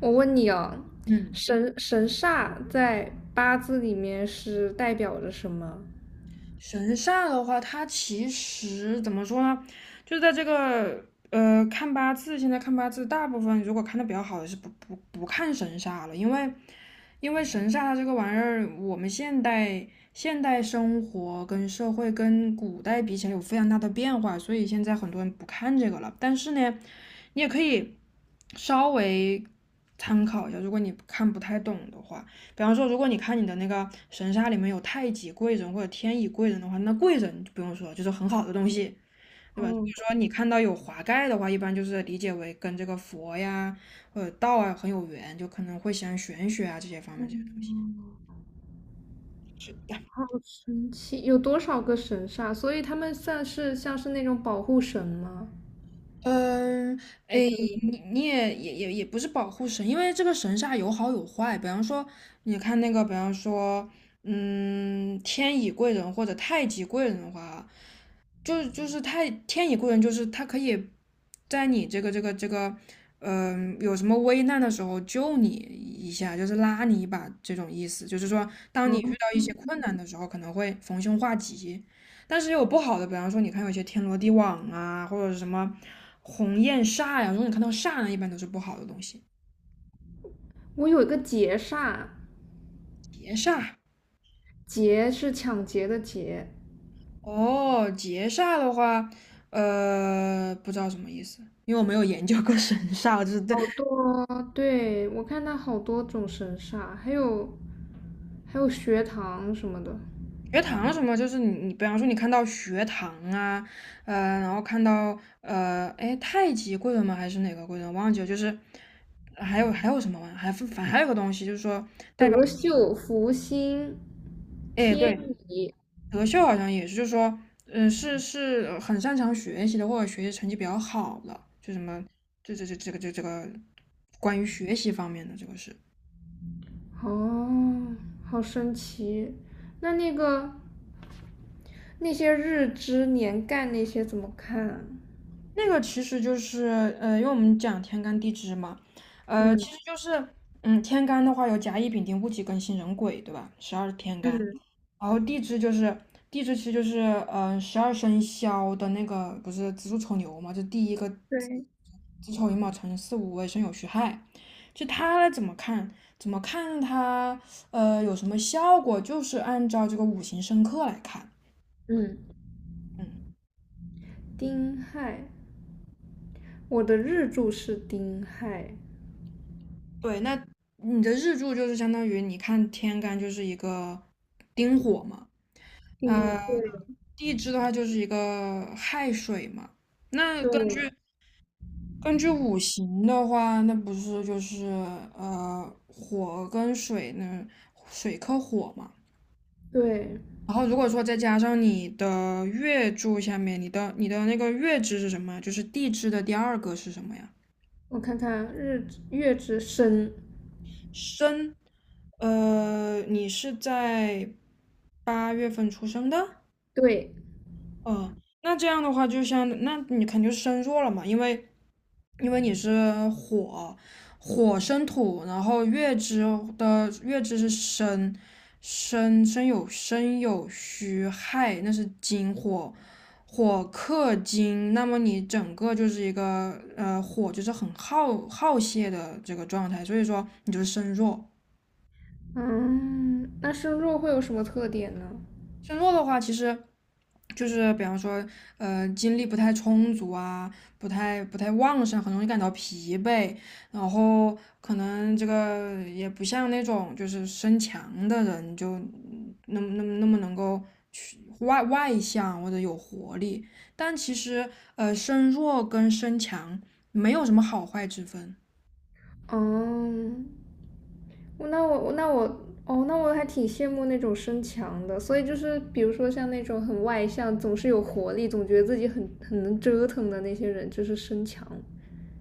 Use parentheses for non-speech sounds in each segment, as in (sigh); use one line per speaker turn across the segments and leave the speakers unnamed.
我问你哦，
嗯，
神煞在八字里面是代表着什么？
神煞的话，它其实怎么说呢？就在这个看八字，现在看八字，大部分如果看的比较好的是不看神煞了，因为神煞它这个玩意儿，我们现代生活跟社会跟古代比起来有非常大的变化，所以现在很多人不看这个了。但是呢，你也可以稍微参考一下，如果你看不太懂的话。比方说，如果你看你的那个神煞里面有太极贵人或者天乙贵人的话，那贵人就不用说了，就是很好的东西，对吧？如
哦，
果说你看到有华盖的话，一般就是理解为跟这个佛呀或者道啊很有缘，就可能会喜欢玄学啊这些方面这些东西。
哦
是的，
好神奇，有多少个神煞？所以他们算是像是那种保护神吗？
嗯，哎，
还是
你也不是保护神，因为这个神煞有好有坏。比方说，你看那个，比方说，嗯，天乙贵人或者太极贵人的话，就是他天以贵人，就是他可以在你有什么危难的时候救你一下，就是拉你一把这种意思。就是说，当你遇到
哦，
一些困难的时候，可能会逢凶化吉。但是也有不好的，比方说，你看有些天罗地网啊，或者是什么鸿雁煞呀、如果你看到煞呢，一般都是不好的东西。
我有一个劫煞，
劫煞
劫是抢劫的劫，
哦，劫煞的话，不知道什么意思，因为我没有研究过 (laughs) 神煞，我就是对
好多，对，我看它好多种神煞，还有学堂什么的，
学堂什么，就是你，比方说你看到学堂啊，然后看到哎，太极贵人吗？还是哪个贵人？忘记了，就是还有什么玩意还有个东西，就是说代表，
德秀、福星、
哎，
天
对，
乙，
德秀好像也是，就是说，是很擅长学习的，或者学习成绩比较好的，就什么，这个关于学习方面的这个是。
哦，好神奇。那那个那些日支年干那些怎么看啊？
那个其实就是，因为我们讲天干地支嘛，
嗯
就是嗯，天干的话有甲乙丙丁戊己庚辛壬癸，对吧？十二天干，
嗯，
然后地支就是其实就是嗯，十二生肖的那个不是子鼠丑牛嘛，就第一个子
对，
子丑寅卯辰巳午未申酉戌亥，就它怎么看？怎么看它？有什么效果？就是按照这个五行生克来看。
嗯，
嗯，
丁亥，我的日柱是丁亥，
对，那你的日柱就是相当于你看天干就是一个丁火嘛，
丁，
呃，
对
地支的话就是一个亥水嘛。那根
对
据五行的话，那不是就是火跟水呢，水克火嘛。
对，
然后如果说再加上你的月柱下面，你的那个月支是什么呀？就是地支的第二个是什么呀？
我看看日支月之申，
申。呃，你是在八月份出生的？
对，
哦，那这样的话，就像那你肯定是身弱了嘛，因为你是火，火生土，然后的月支是申，申有戌亥，那是金火，火克金，那么你整个就是一个火就是很耗泄的这个状态，所以说你就是身弱。
嗯，那申弱会有什么特点呢？
身弱的话，其实就是比方说，精力不太充足啊，不太旺盛，很容易感到疲惫，然后可能这个也不像那种就是身强的人，就嗯那么能够去外向或者有活力。但其实，身弱跟身强没有什么好坏之分，
嗯，那我哦，那我还挺羡慕那种身强的。所以就是比如说像那种很外向、总是有活力、总觉得自己很能折腾的那些人，就是身强，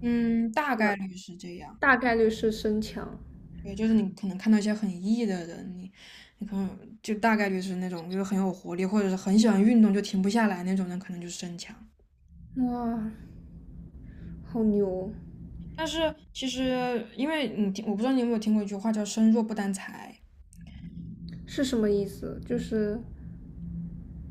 嗯，大概率是这样。
大概率是身强。
也就是你可能看到一些很 E 的人，你可能就大概率是那种就是很有活力，或者是很喜欢运动就停不下来那种人，可能就是身强。
哇，好牛！
但是其实，因为你听，我不知道你有没有听过一句话叫"身弱不担财"，
是什么意思？就是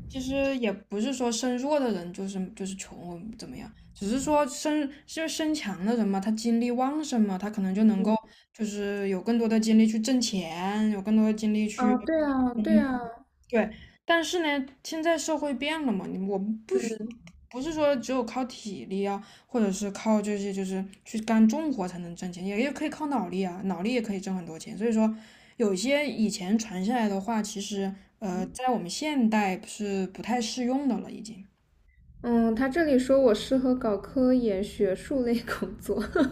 其实也不是说身弱的人就是穷或怎么样，只是说就是身强的人嘛，他精力旺盛嘛，他可能就能够就是有更多的精力去挣钱，有更多的精力
啊，
去。
对啊，对啊，
对，但是呢，现在社会变了嘛，我们不是说只有靠体力啊，或者是靠这些就是去干重活才能挣钱，也可以靠脑力啊，脑力也可以挣很多钱。所以说，有些以前传下来的话，其实
嗯
在我们现代是不太适用的了，已经。
嗯，他这里说我适合搞科研学术类工作。(laughs)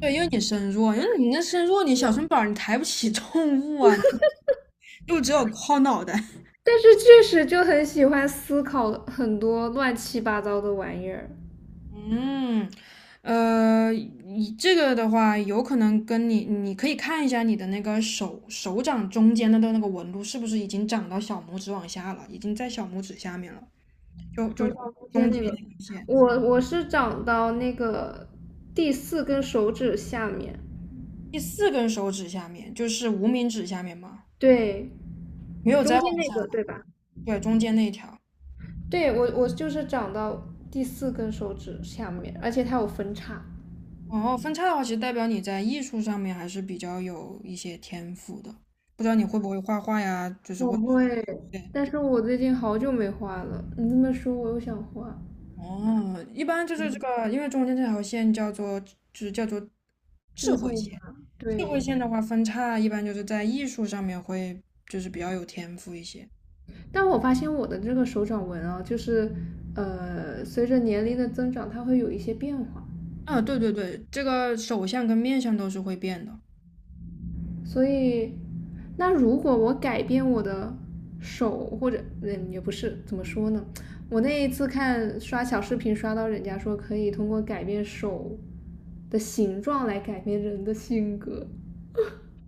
对，因为你身弱，因为你那身弱，你小身板儿你抬不起重物啊，就只有靠脑袋。
但是确实就很喜欢思考很多乱七八糟的玩意儿。
嗯，你这个的话，有可能跟你，你可以看一下你的那个手掌中间的那个纹路是不是已经长到小拇指往下了，已经在小拇指下面了，就就
手掌中
中
间
间
那个，
那根线，
我是长到那个第四根手指下面，
第四根手指下面就是无名指下面嘛，
对，
没有
中
再
间
往
那
下
个
了，
对吧？
对，中间那一条。
对，我就是长到第四根手指下面，而且它有分叉。
然后分叉的话，其实代表你在艺术上面还是比较有一些天赋的，不知道你会不会画画呀，就是
我
会。
会，但是我最近好久没画了。你这么说，我又想画
哦，一般就是这个，因为中间这条线叫做，就是叫做智
智
慧
慧
线。
嘛？
智慧
对，
线的话，分叉一般就是在艺术上面会就是比较有天赋一些。
但我发现我的这个手掌纹啊，就是随着年龄的增长，它会有一些变化。
啊，对对对，这个手相跟面相都是会变的。
所以，那如果我改变我的手或者嗯也不是怎么说呢？我那一次看刷小视频刷到人家说可以通过改变手的形状来改变人的性格，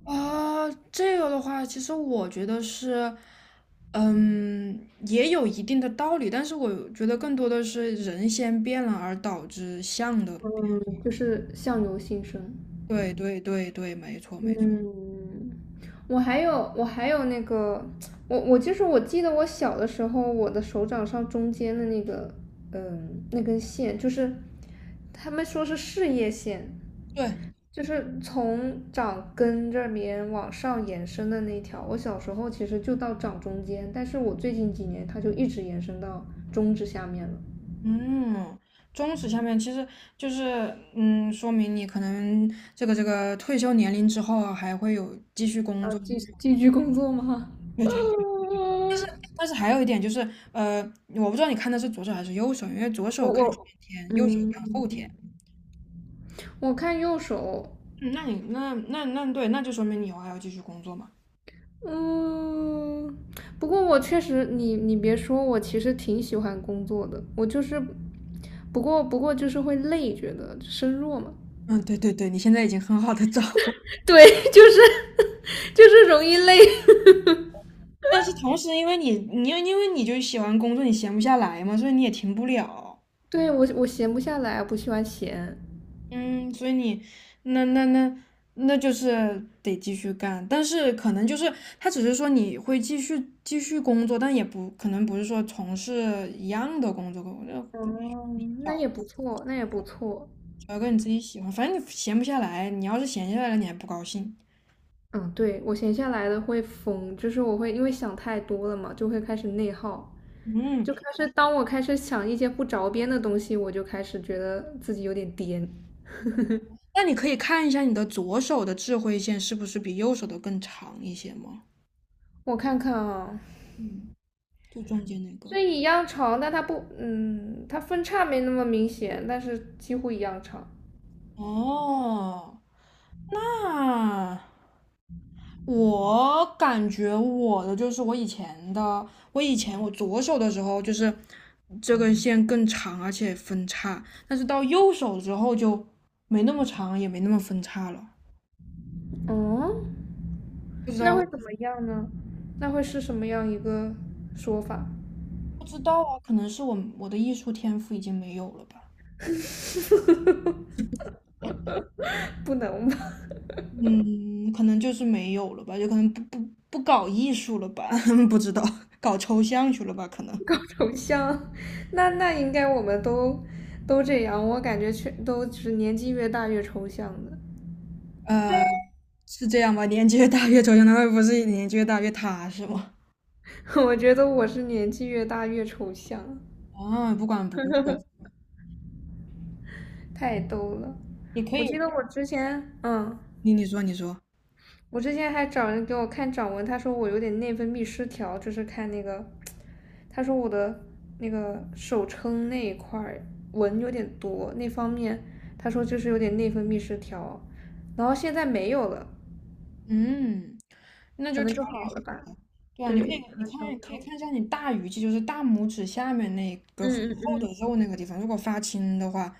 啊，这个的话，其实我觉得是，嗯，也有一定的道理，但是我觉得更多的是人先变了，而导致相的。
就是相由心生。
对对对对，没错没错。
嗯，我还有那个，我我就是我记得我小的时候，我的手掌上中间的那个，嗯，那根线就是他们说是事业线，
对，
就是从掌根这边往上延伸的那一条。我小时候其实就到掌中间，但是我最近几年它就一直延伸到中指下面了。
嗯，中史下面其实就是，嗯，说明你可能这个退休年龄之后啊还会有继续工
要
作这
继续
种
继续工作吗？
对 (laughs) 对。但是还有一点就是，呃，我不知道你看的是左手还是右手，因为左
我
手看前
我
天，右手
嗯，
看后天。
我看右手，
嗯，那你那那那对，那就说明你以后还要继续工作嘛。
嗯，不过我确实，你别说，我其实挺喜欢工作的，我就是，不过就是会累，觉得身弱嘛。
嗯，对对对，你现在已经很好的掌握，
(laughs) 对，就是 (laughs) 就是容易累。
但是同时因为你就喜欢工作，你闲不下来嘛，所以你也停不了。
(laughs) 对，我闲不下来，不喜欢闲。
嗯，所以你那那那那就是得继续干，但是可能就是他只是说你会继续工作，但也不可能不是说从事一样的工作，就
哦，那也不错，那也不错。
找个你自己喜欢，反正你闲不下来，你要是闲下来了，你还不高兴。
嗯，对，我闲下来的会疯，就是我会因为想太多了嘛，就会开始内耗，
嗯，
就开始当我开始想一些不着边的东西，我就开始觉得自己有点颠。
那你可以看一下你的左手的智慧线是不是比右手的更长一些吗？
我看看啊，
嗯，就中间那个。
这一样长，但它不，嗯，它分叉没那么明显，但是几乎一样长。
哦，那。我感觉我的就是我以前的，我以前我左手的时候就是这根线更长，而且分叉，但是到右手之后就没那么长，也没那么分叉了。
哦，
不知
那
道，
会怎么样呢？那会是什么样一个说法？
不知道啊，可能是我的艺术天赋已经没有了吧。
不能吧。
嗯，可能就是没有了吧，有可能不搞艺术了吧，(laughs) 不知道，搞抽象去了吧，可能。
(laughs) 头像？那那应该我们都这样，我感觉全都是年纪越大越抽象的。
呃，是这样吧？年纪越大越抽象，那会不是年纪越大越踏实吗？
(laughs) 我觉得我是年纪越大越抽象，
啊，不管不顾了
太逗了。
你可
我记得
以，
我之前，嗯。
你说，
我之前还找人给我看掌纹，他说我有点内分泌失调，就是看那个，他说我的那个手撑那一块纹有点多，那方面他说就是有点内分泌失调，然后现在没有了，
嗯，那
可
就
能
调
就
理
好了
水
吧？
下。对啊，你可
对，
以，
可
你
能
看，
调理
可
好
以
了，
看一下你大鱼际，就是大拇指下面那个很
嗯
厚的
嗯嗯，
肉那个地方，如果发青的话，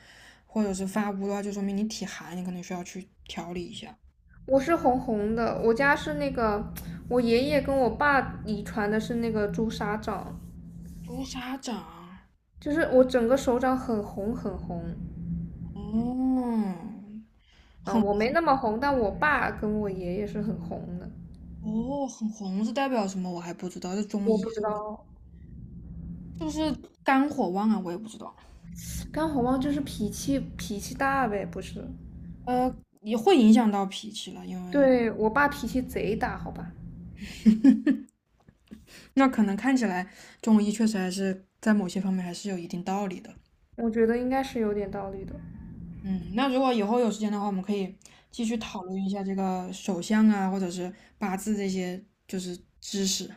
或者是发乌的话，就说明你体寒，你可能需要去调理一下。
我是红红的，我家是那个我爷爷跟我爸遗传的是那个朱砂掌，
朱砂掌，
就是我整个手掌很红很红。
哦，
啊、
很
我没那么红，但我爸跟我爷爷是很红的。
哦，很红是代表什么？我还不知道，这中
我
医
不知道，
是不是肝火旺啊？我也不知道。
干红帽就是脾气大呗，不是？
呃，也会影响到脾气了，因为
对，我爸脾气贼大，好吧？
那可能看起来中医确实还是在某些方面还是有一定道理的。
我觉得应该是有点道理的。
嗯，那如果以后有时间的话，我们可以继续讨论一下这个手相啊，或者是八字这些就是知识。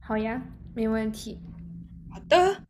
好呀，没问题。
好的。